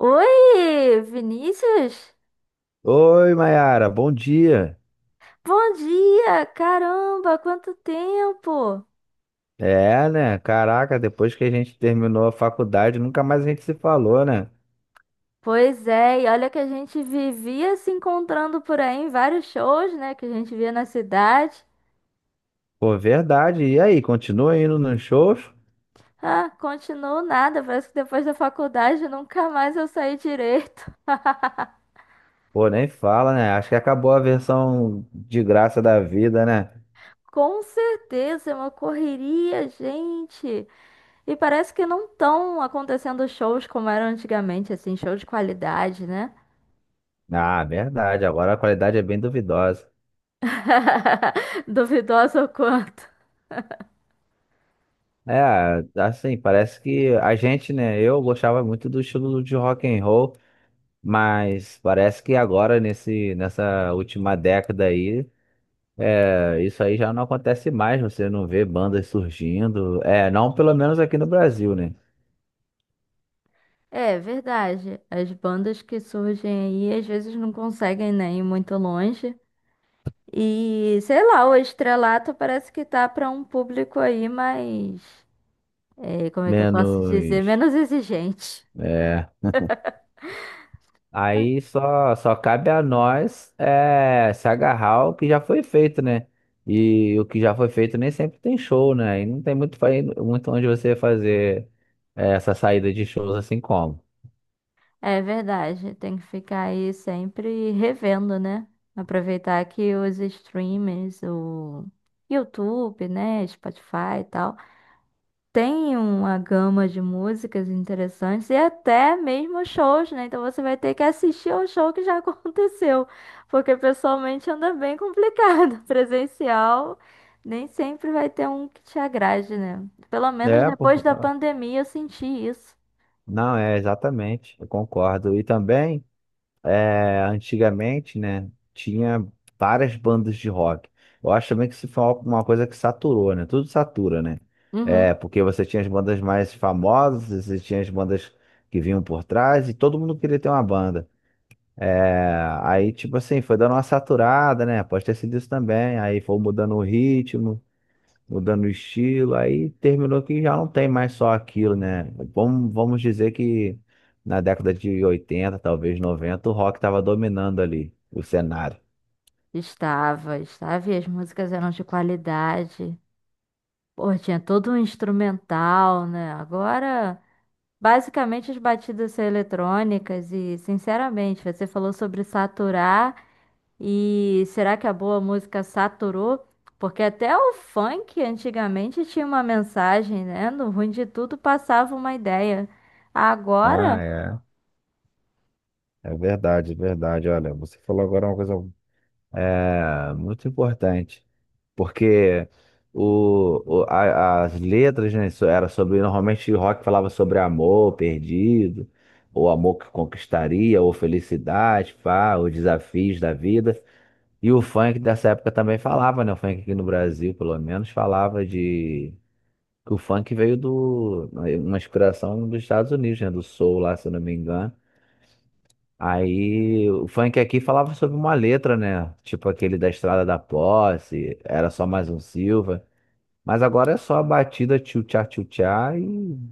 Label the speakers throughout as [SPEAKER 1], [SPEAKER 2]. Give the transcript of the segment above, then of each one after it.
[SPEAKER 1] Oi, Vinícius?
[SPEAKER 2] Oi, Mayara, bom dia.
[SPEAKER 1] Bom dia! Caramba, quanto tempo!
[SPEAKER 2] É, né? Caraca, depois que a gente terminou a faculdade, nunca mais a gente se falou, né?
[SPEAKER 1] Pois é, e olha que a gente vivia se encontrando por aí em vários shows, né, que a gente via na cidade.
[SPEAKER 2] Pô, verdade. E aí, continua indo nos shows?
[SPEAKER 1] Ah, continuou nada, parece que depois da faculdade nunca mais eu saí direito.
[SPEAKER 2] Pô, nem fala, né? Acho que acabou a versão de graça da vida, né?
[SPEAKER 1] Com certeza, é uma correria, gente. E parece que não estão acontecendo shows como eram antigamente, assim, show de qualidade, né?
[SPEAKER 2] Ah, verdade. Agora a qualidade é bem duvidosa.
[SPEAKER 1] Duvidoso o quanto.
[SPEAKER 2] É, assim, parece que a gente, né? Eu gostava muito do estilo de rock and roll, mas parece que agora nesse nessa última década aí. Isso aí já não acontece mais, você não vê bandas surgindo. É, não pelo menos aqui no Brasil, né?
[SPEAKER 1] É verdade. As bandas que surgem aí às vezes não conseguem nem ir muito longe. E sei lá, o estrelato parece que tá para um público aí mais. Como é que eu posso dizer?
[SPEAKER 2] Menos.
[SPEAKER 1] Menos exigente.
[SPEAKER 2] É. Aí só cabe a nós, se agarrar ao que já foi feito, né? E o que já foi feito nem sempre tem show, né? E não tem muito onde você fazer essa saída de shows assim como.
[SPEAKER 1] É verdade. Tem que ficar aí sempre revendo, né? Aproveitar que os streamers, o YouTube, né? Spotify e tal. Tem uma gama de músicas interessantes e até mesmo shows, né? Então você vai ter que assistir ao show que já aconteceu, porque pessoalmente anda bem complicado. Presencial nem sempre vai ter um que te agrade, né? Pelo menos
[SPEAKER 2] É,
[SPEAKER 1] depois da
[SPEAKER 2] por...
[SPEAKER 1] pandemia eu senti isso.
[SPEAKER 2] não, é exatamente, eu concordo. E também. Antigamente, né, tinha várias bandas de rock. Eu acho também que isso foi uma coisa que saturou, né? Tudo satura, né? É,
[SPEAKER 1] Uhum.
[SPEAKER 2] porque você tinha as bandas mais famosas, você tinha as bandas que vinham por trás e todo mundo queria ter uma banda. É, aí, tipo assim, foi dando uma saturada, né? Pode ter sido isso também. Aí foi mudando o ritmo, mudando o estilo, aí terminou que já não tem mais só aquilo, né? Vamos dizer que na década de 80, talvez 90, o rock estava dominando ali o cenário.
[SPEAKER 1] Estava, estava, e as músicas eram de qualidade. Pô, tinha todo um instrumental, né? Agora. Basicamente, as batidas são eletrônicas e, sinceramente, você falou sobre saturar e será que a boa música saturou? Porque até o funk antigamente tinha uma mensagem, né? No ruim de tudo passava uma ideia. Agora,
[SPEAKER 2] Ah, é. É verdade, é verdade. Olha, você falou agora uma coisa. É muito importante, porque as letras, né, era sobre, normalmente o rock falava sobre amor perdido, ou amor que conquistaria, ou felicidade, pá, os desafios da vida. E o funk dessa época também falava, né? O funk aqui no Brasil, pelo menos, falava de. Que o funk veio do. Uma inspiração dos Estados Unidos, né? Do soul lá, se eu não me engano. Aí o funk aqui falava sobre uma letra, né? Tipo aquele da Estrada da Posse, era só mais um Silva. Mas agora é só a batida tchutchá tchutchá e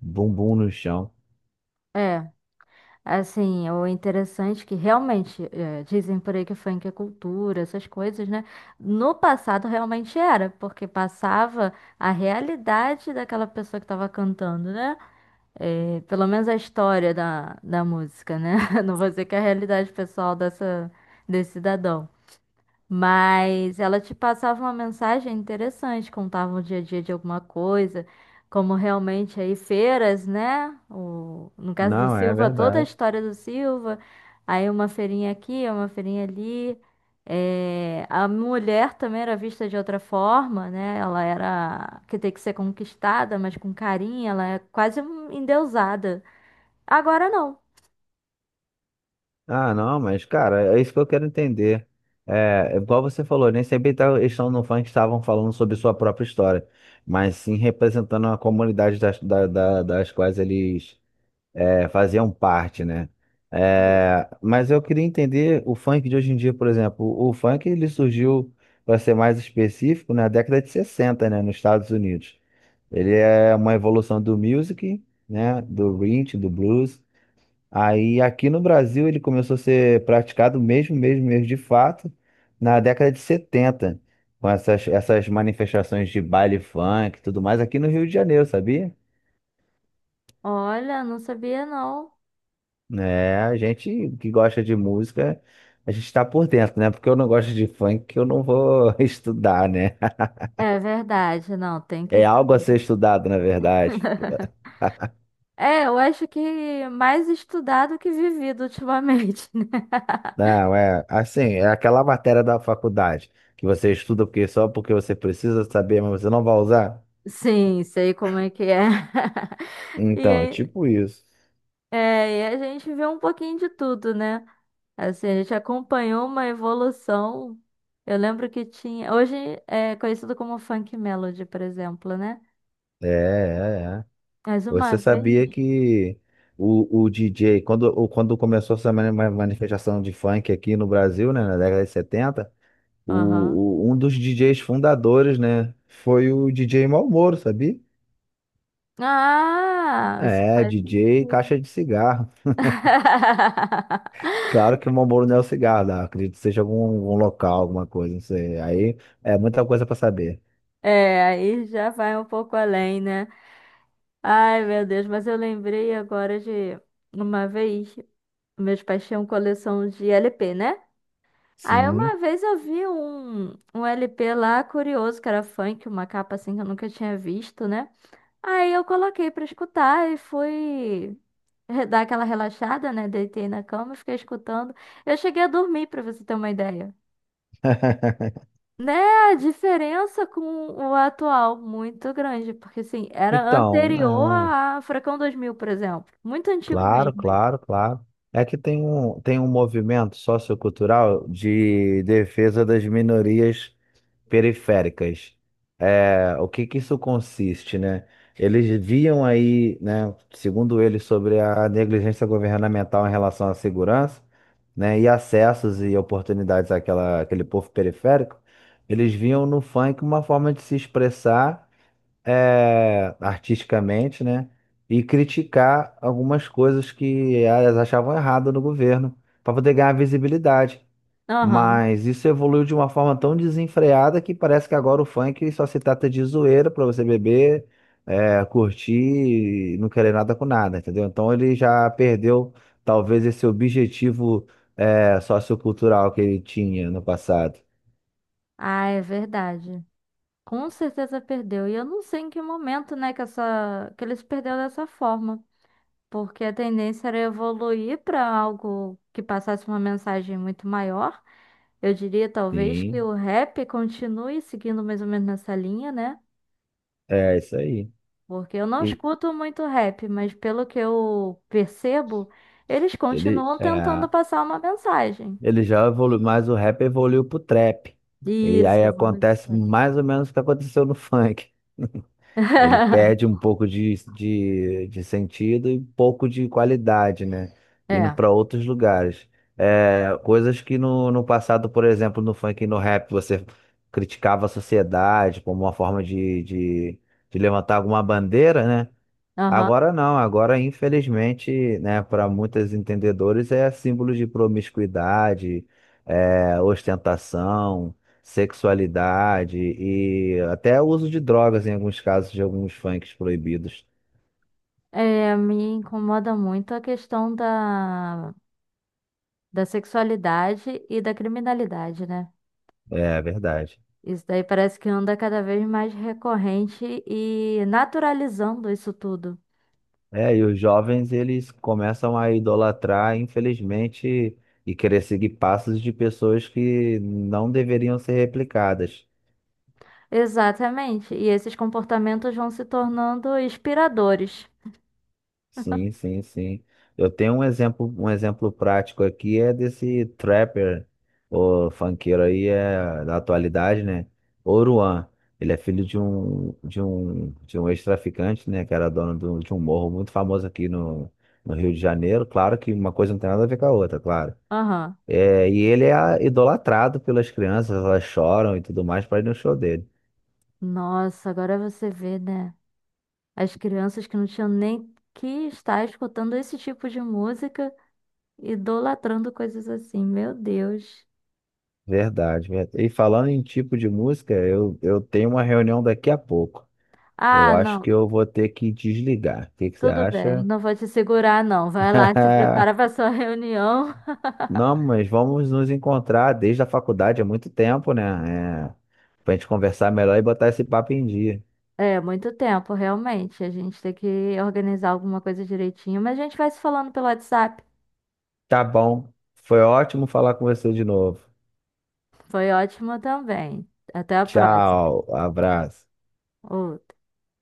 [SPEAKER 2] bumbum no chão.
[SPEAKER 1] é, assim, o interessante é que realmente, dizem por aí que funk é cultura, essas coisas, né? No passado realmente era, porque passava a realidade daquela pessoa que estava cantando, né? É, pelo menos a história da música, né? Não vou dizer que é a realidade pessoal dessa, desse cidadão. Mas ela te passava uma mensagem interessante, contava o dia a dia de alguma coisa, como realmente aí feiras, né? O, no caso do
[SPEAKER 2] Não, é
[SPEAKER 1] Silva, toda a
[SPEAKER 2] verdade.
[SPEAKER 1] história do Silva, aí uma feirinha aqui, uma feirinha ali. É, a mulher também era vista de outra forma, né? Ela era que tem que ser conquistada, mas com carinho, ela é quase endeusada. Agora não.
[SPEAKER 2] Ah, não, mas, cara, é isso que eu quero entender. É, é igual você falou, nem sempre eles estão no funk, estavam falando sobre sua própria história, mas sim representando a comunidade das quais eles, faziam parte, né? É, mas eu queria entender o funk de hoje em dia, por exemplo. O funk, ele surgiu, para ser mais específico, na década de 60, né, nos Estados Unidos. Ele é uma evolução do music, né, do rhythm, do blues. Aí aqui no Brasil ele começou a ser praticado mesmo, mesmo, mesmo de fato, na década de 70, com essas manifestações de baile funk e tudo mais aqui no Rio de Janeiro, sabia?
[SPEAKER 1] Olha, não sabia não.
[SPEAKER 2] É, a gente que gosta de música, a gente está por dentro, né? Porque eu não gosto de funk, que eu não vou estudar, né?
[SPEAKER 1] É verdade, não, tem que
[SPEAKER 2] É algo a
[SPEAKER 1] saber.
[SPEAKER 2] ser estudado, na verdade.
[SPEAKER 1] É, eu acho que mais estudado que vivido ultimamente, né?
[SPEAKER 2] Não, é assim, é aquela matéria da faculdade que você estuda porque só porque você precisa saber, mas você não vai usar.
[SPEAKER 1] Sim, sei como é que é. E,
[SPEAKER 2] Então, é tipo isso.
[SPEAKER 1] é, e a gente vê um pouquinho de tudo, né? Assim, a gente acompanhou uma evolução. Eu lembro que tinha. Hoje é conhecido como Funk Melody, por exemplo, né?
[SPEAKER 2] É, é, é.
[SPEAKER 1] Mas
[SPEAKER 2] Você
[SPEAKER 1] uma
[SPEAKER 2] sabia
[SPEAKER 1] vez.
[SPEAKER 2] que o DJ, quando começou essa manifestação de funk aqui no Brasil, né, na década de 70,
[SPEAKER 1] Aham.
[SPEAKER 2] um dos DJs fundadores, né, foi o DJ Malboro, sabia?
[SPEAKER 1] Ah, isso
[SPEAKER 2] É,
[SPEAKER 1] faz
[SPEAKER 2] DJ
[SPEAKER 1] sentido.
[SPEAKER 2] Caixa de Cigarro. Claro que o Malboro não é o cigarro, né? Acredito que seja algum local, alguma coisa, não sei. Aí é muita coisa para saber.
[SPEAKER 1] É, aí já vai um pouco além, né? Ai, meu Deus, mas eu lembrei agora de uma vez, meus pais tinham coleção de LP, né? Aí uma
[SPEAKER 2] Sim.
[SPEAKER 1] vez eu vi um LP lá curioso, que era funk, uma capa assim que eu nunca tinha visto, né? Aí eu coloquei pra escutar e fui dar aquela relaxada, né? Deitei na cama e fiquei escutando. Eu cheguei a dormir, pra você ter uma ideia. Né, a diferença com o atual, muito grande, porque assim, era
[SPEAKER 2] Então,
[SPEAKER 1] anterior a Furacão 2000 por exemplo. Muito antigo
[SPEAKER 2] claro,
[SPEAKER 1] mesmo isso.
[SPEAKER 2] claro, claro. É que tem um movimento sociocultural de defesa das minorias periféricas. É, o que que isso consiste, né? Eles viam aí, né, segundo eles, sobre a negligência governamental em relação à segurança, né, e acessos e oportunidades àquela, àquele povo periférico. Eles viam no funk uma forma de se expressar, artisticamente, né? E criticar algumas coisas que elas achavam errado no governo, para poder ganhar visibilidade.
[SPEAKER 1] Aham.
[SPEAKER 2] Mas isso evoluiu de uma forma tão desenfreada que parece que agora o funk só se trata de zoeira para você beber, curtir e não querer nada com nada, entendeu? Então ele já perdeu talvez esse objetivo, sociocultural, que ele tinha no passado.
[SPEAKER 1] Ah, é verdade. Com certeza perdeu. E eu não sei em que momento, né, que ele se perdeu dessa forma, porque a tendência era evoluir para algo que passasse uma mensagem muito maior. Eu diria talvez que
[SPEAKER 2] Sim,
[SPEAKER 1] o rap continue seguindo mais ou menos nessa linha, né?
[SPEAKER 2] é isso aí.
[SPEAKER 1] Porque eu não
[SPEAKER 2] E
[SPEAKER 1] escuto muito rap, mas pelo que eu percebo, eles
[SPEAKER 2] ele,
[SPEAKER 1] continuam tentando
[SPEAKER 2] é.
[SPEAKER 1] passar uma mensagem.
[SPEAKER 2] Ele já evoluiu, mas o rap evoluiu pro trap. E
[SPEAKER 1] Isso,
[SPEAKER 2] aí
[SPEAKER 1] é uma
[SPEAKER 2] acontece
[SPEAKER 1] mensagem.
[SPEAKER 2] mais ou menos o que aconteceu no funk. Ele perde um pouco de sentido e um pouco de qualidade, né? Indo
[SPEAKER 1] É,
[SPEAKER 2] para outros lugares. É, coisas que no passado, por exemplo, no funk e no rap, você criticava a sociedade como uma forma de levantar alguma bandeira, né?
[SPEAKER 1] aham.
[SPEAKER 2] Agora não, agora infelizmente, né, para muitos entendedores é símbolo de promiscuidade, ostentação, sexualidade e até uso de drogas em alguns casos de alguns funks proibidos.
[SPEAKER 1] É, me incomoda muito a questão da sexualidade e da criminalidade, né?
[SPEAKER 2] É verdade.
[SPEAKER 1] Isso daí parece que anda cada vez mais recorrente e naturalizando isso tudo.
[SPEAKER 2] É, e os jovens eles começam a idolatrar, infelizmente, e querer seguir passos de pessoas que não deveriam ser replicadas.
[SPEAKER 1] Exatamente. E esses comportamentos vão se tornando inspiradores.
[SPEAKER 2] Sim, sim, sim. Eu tenho um exemplo prático aqui, é desse trapper, o funkeiro aí é da atualidade, né? Oruan. Ele é filho de um ex-traficante, né, que era dono de um morro muito famoso aqui no Rio de Janeiro. Claro que uma coisa não tem nada a ver com a outra, claro.
[SPEAKER 1] Aham.
[SPEAKER 2] É, e ele é idolatrado pelas crianças, elas choram e tudo mais para ir no show dele.
[SPEAKER 1] Nossa, agora você vê, né? As crianças que não tinham nem que estar escutando esse tipo de música, idolatrando coisas assim. Meu Deus.
[SPEAKER 2] Verdade, verdade. E falando em tipo de música, eu tenho uma reunião daqui a pouco. Eu
[SPEAKER 1] Ah,
[SPEAKER 2] acho que
[SPEAKER 1] não,
[SPEAKER 2] eu vou ter que desligar. O que que você
[SPEAKER 1] tudo bem,
[SPEAKER 2] acha?
[SPEAKER 1] não vou te segurar, não. Vai lá, se prepara para sua reunião.
[SPEAKER 2] Não, mas vamos nos encontrar desde a faculdade há muito tempo, né? É, pra gente conversar melhor e botar esse papo em dia.
[SPEAKER 1] É, muito tempo, realmente. A gente tem que organizar alguma coisa direitinho, mas a gente vai se falando pelo WhatsApp.
[SPEAKER 2] Tá bom. Foi ótimo falar com você de novo.
[SPEAKER 1] Foi ótimo também. Até a próxima.
[SPEAKER 2] Tchau, abraço.
[SPEAKER 1] Outro.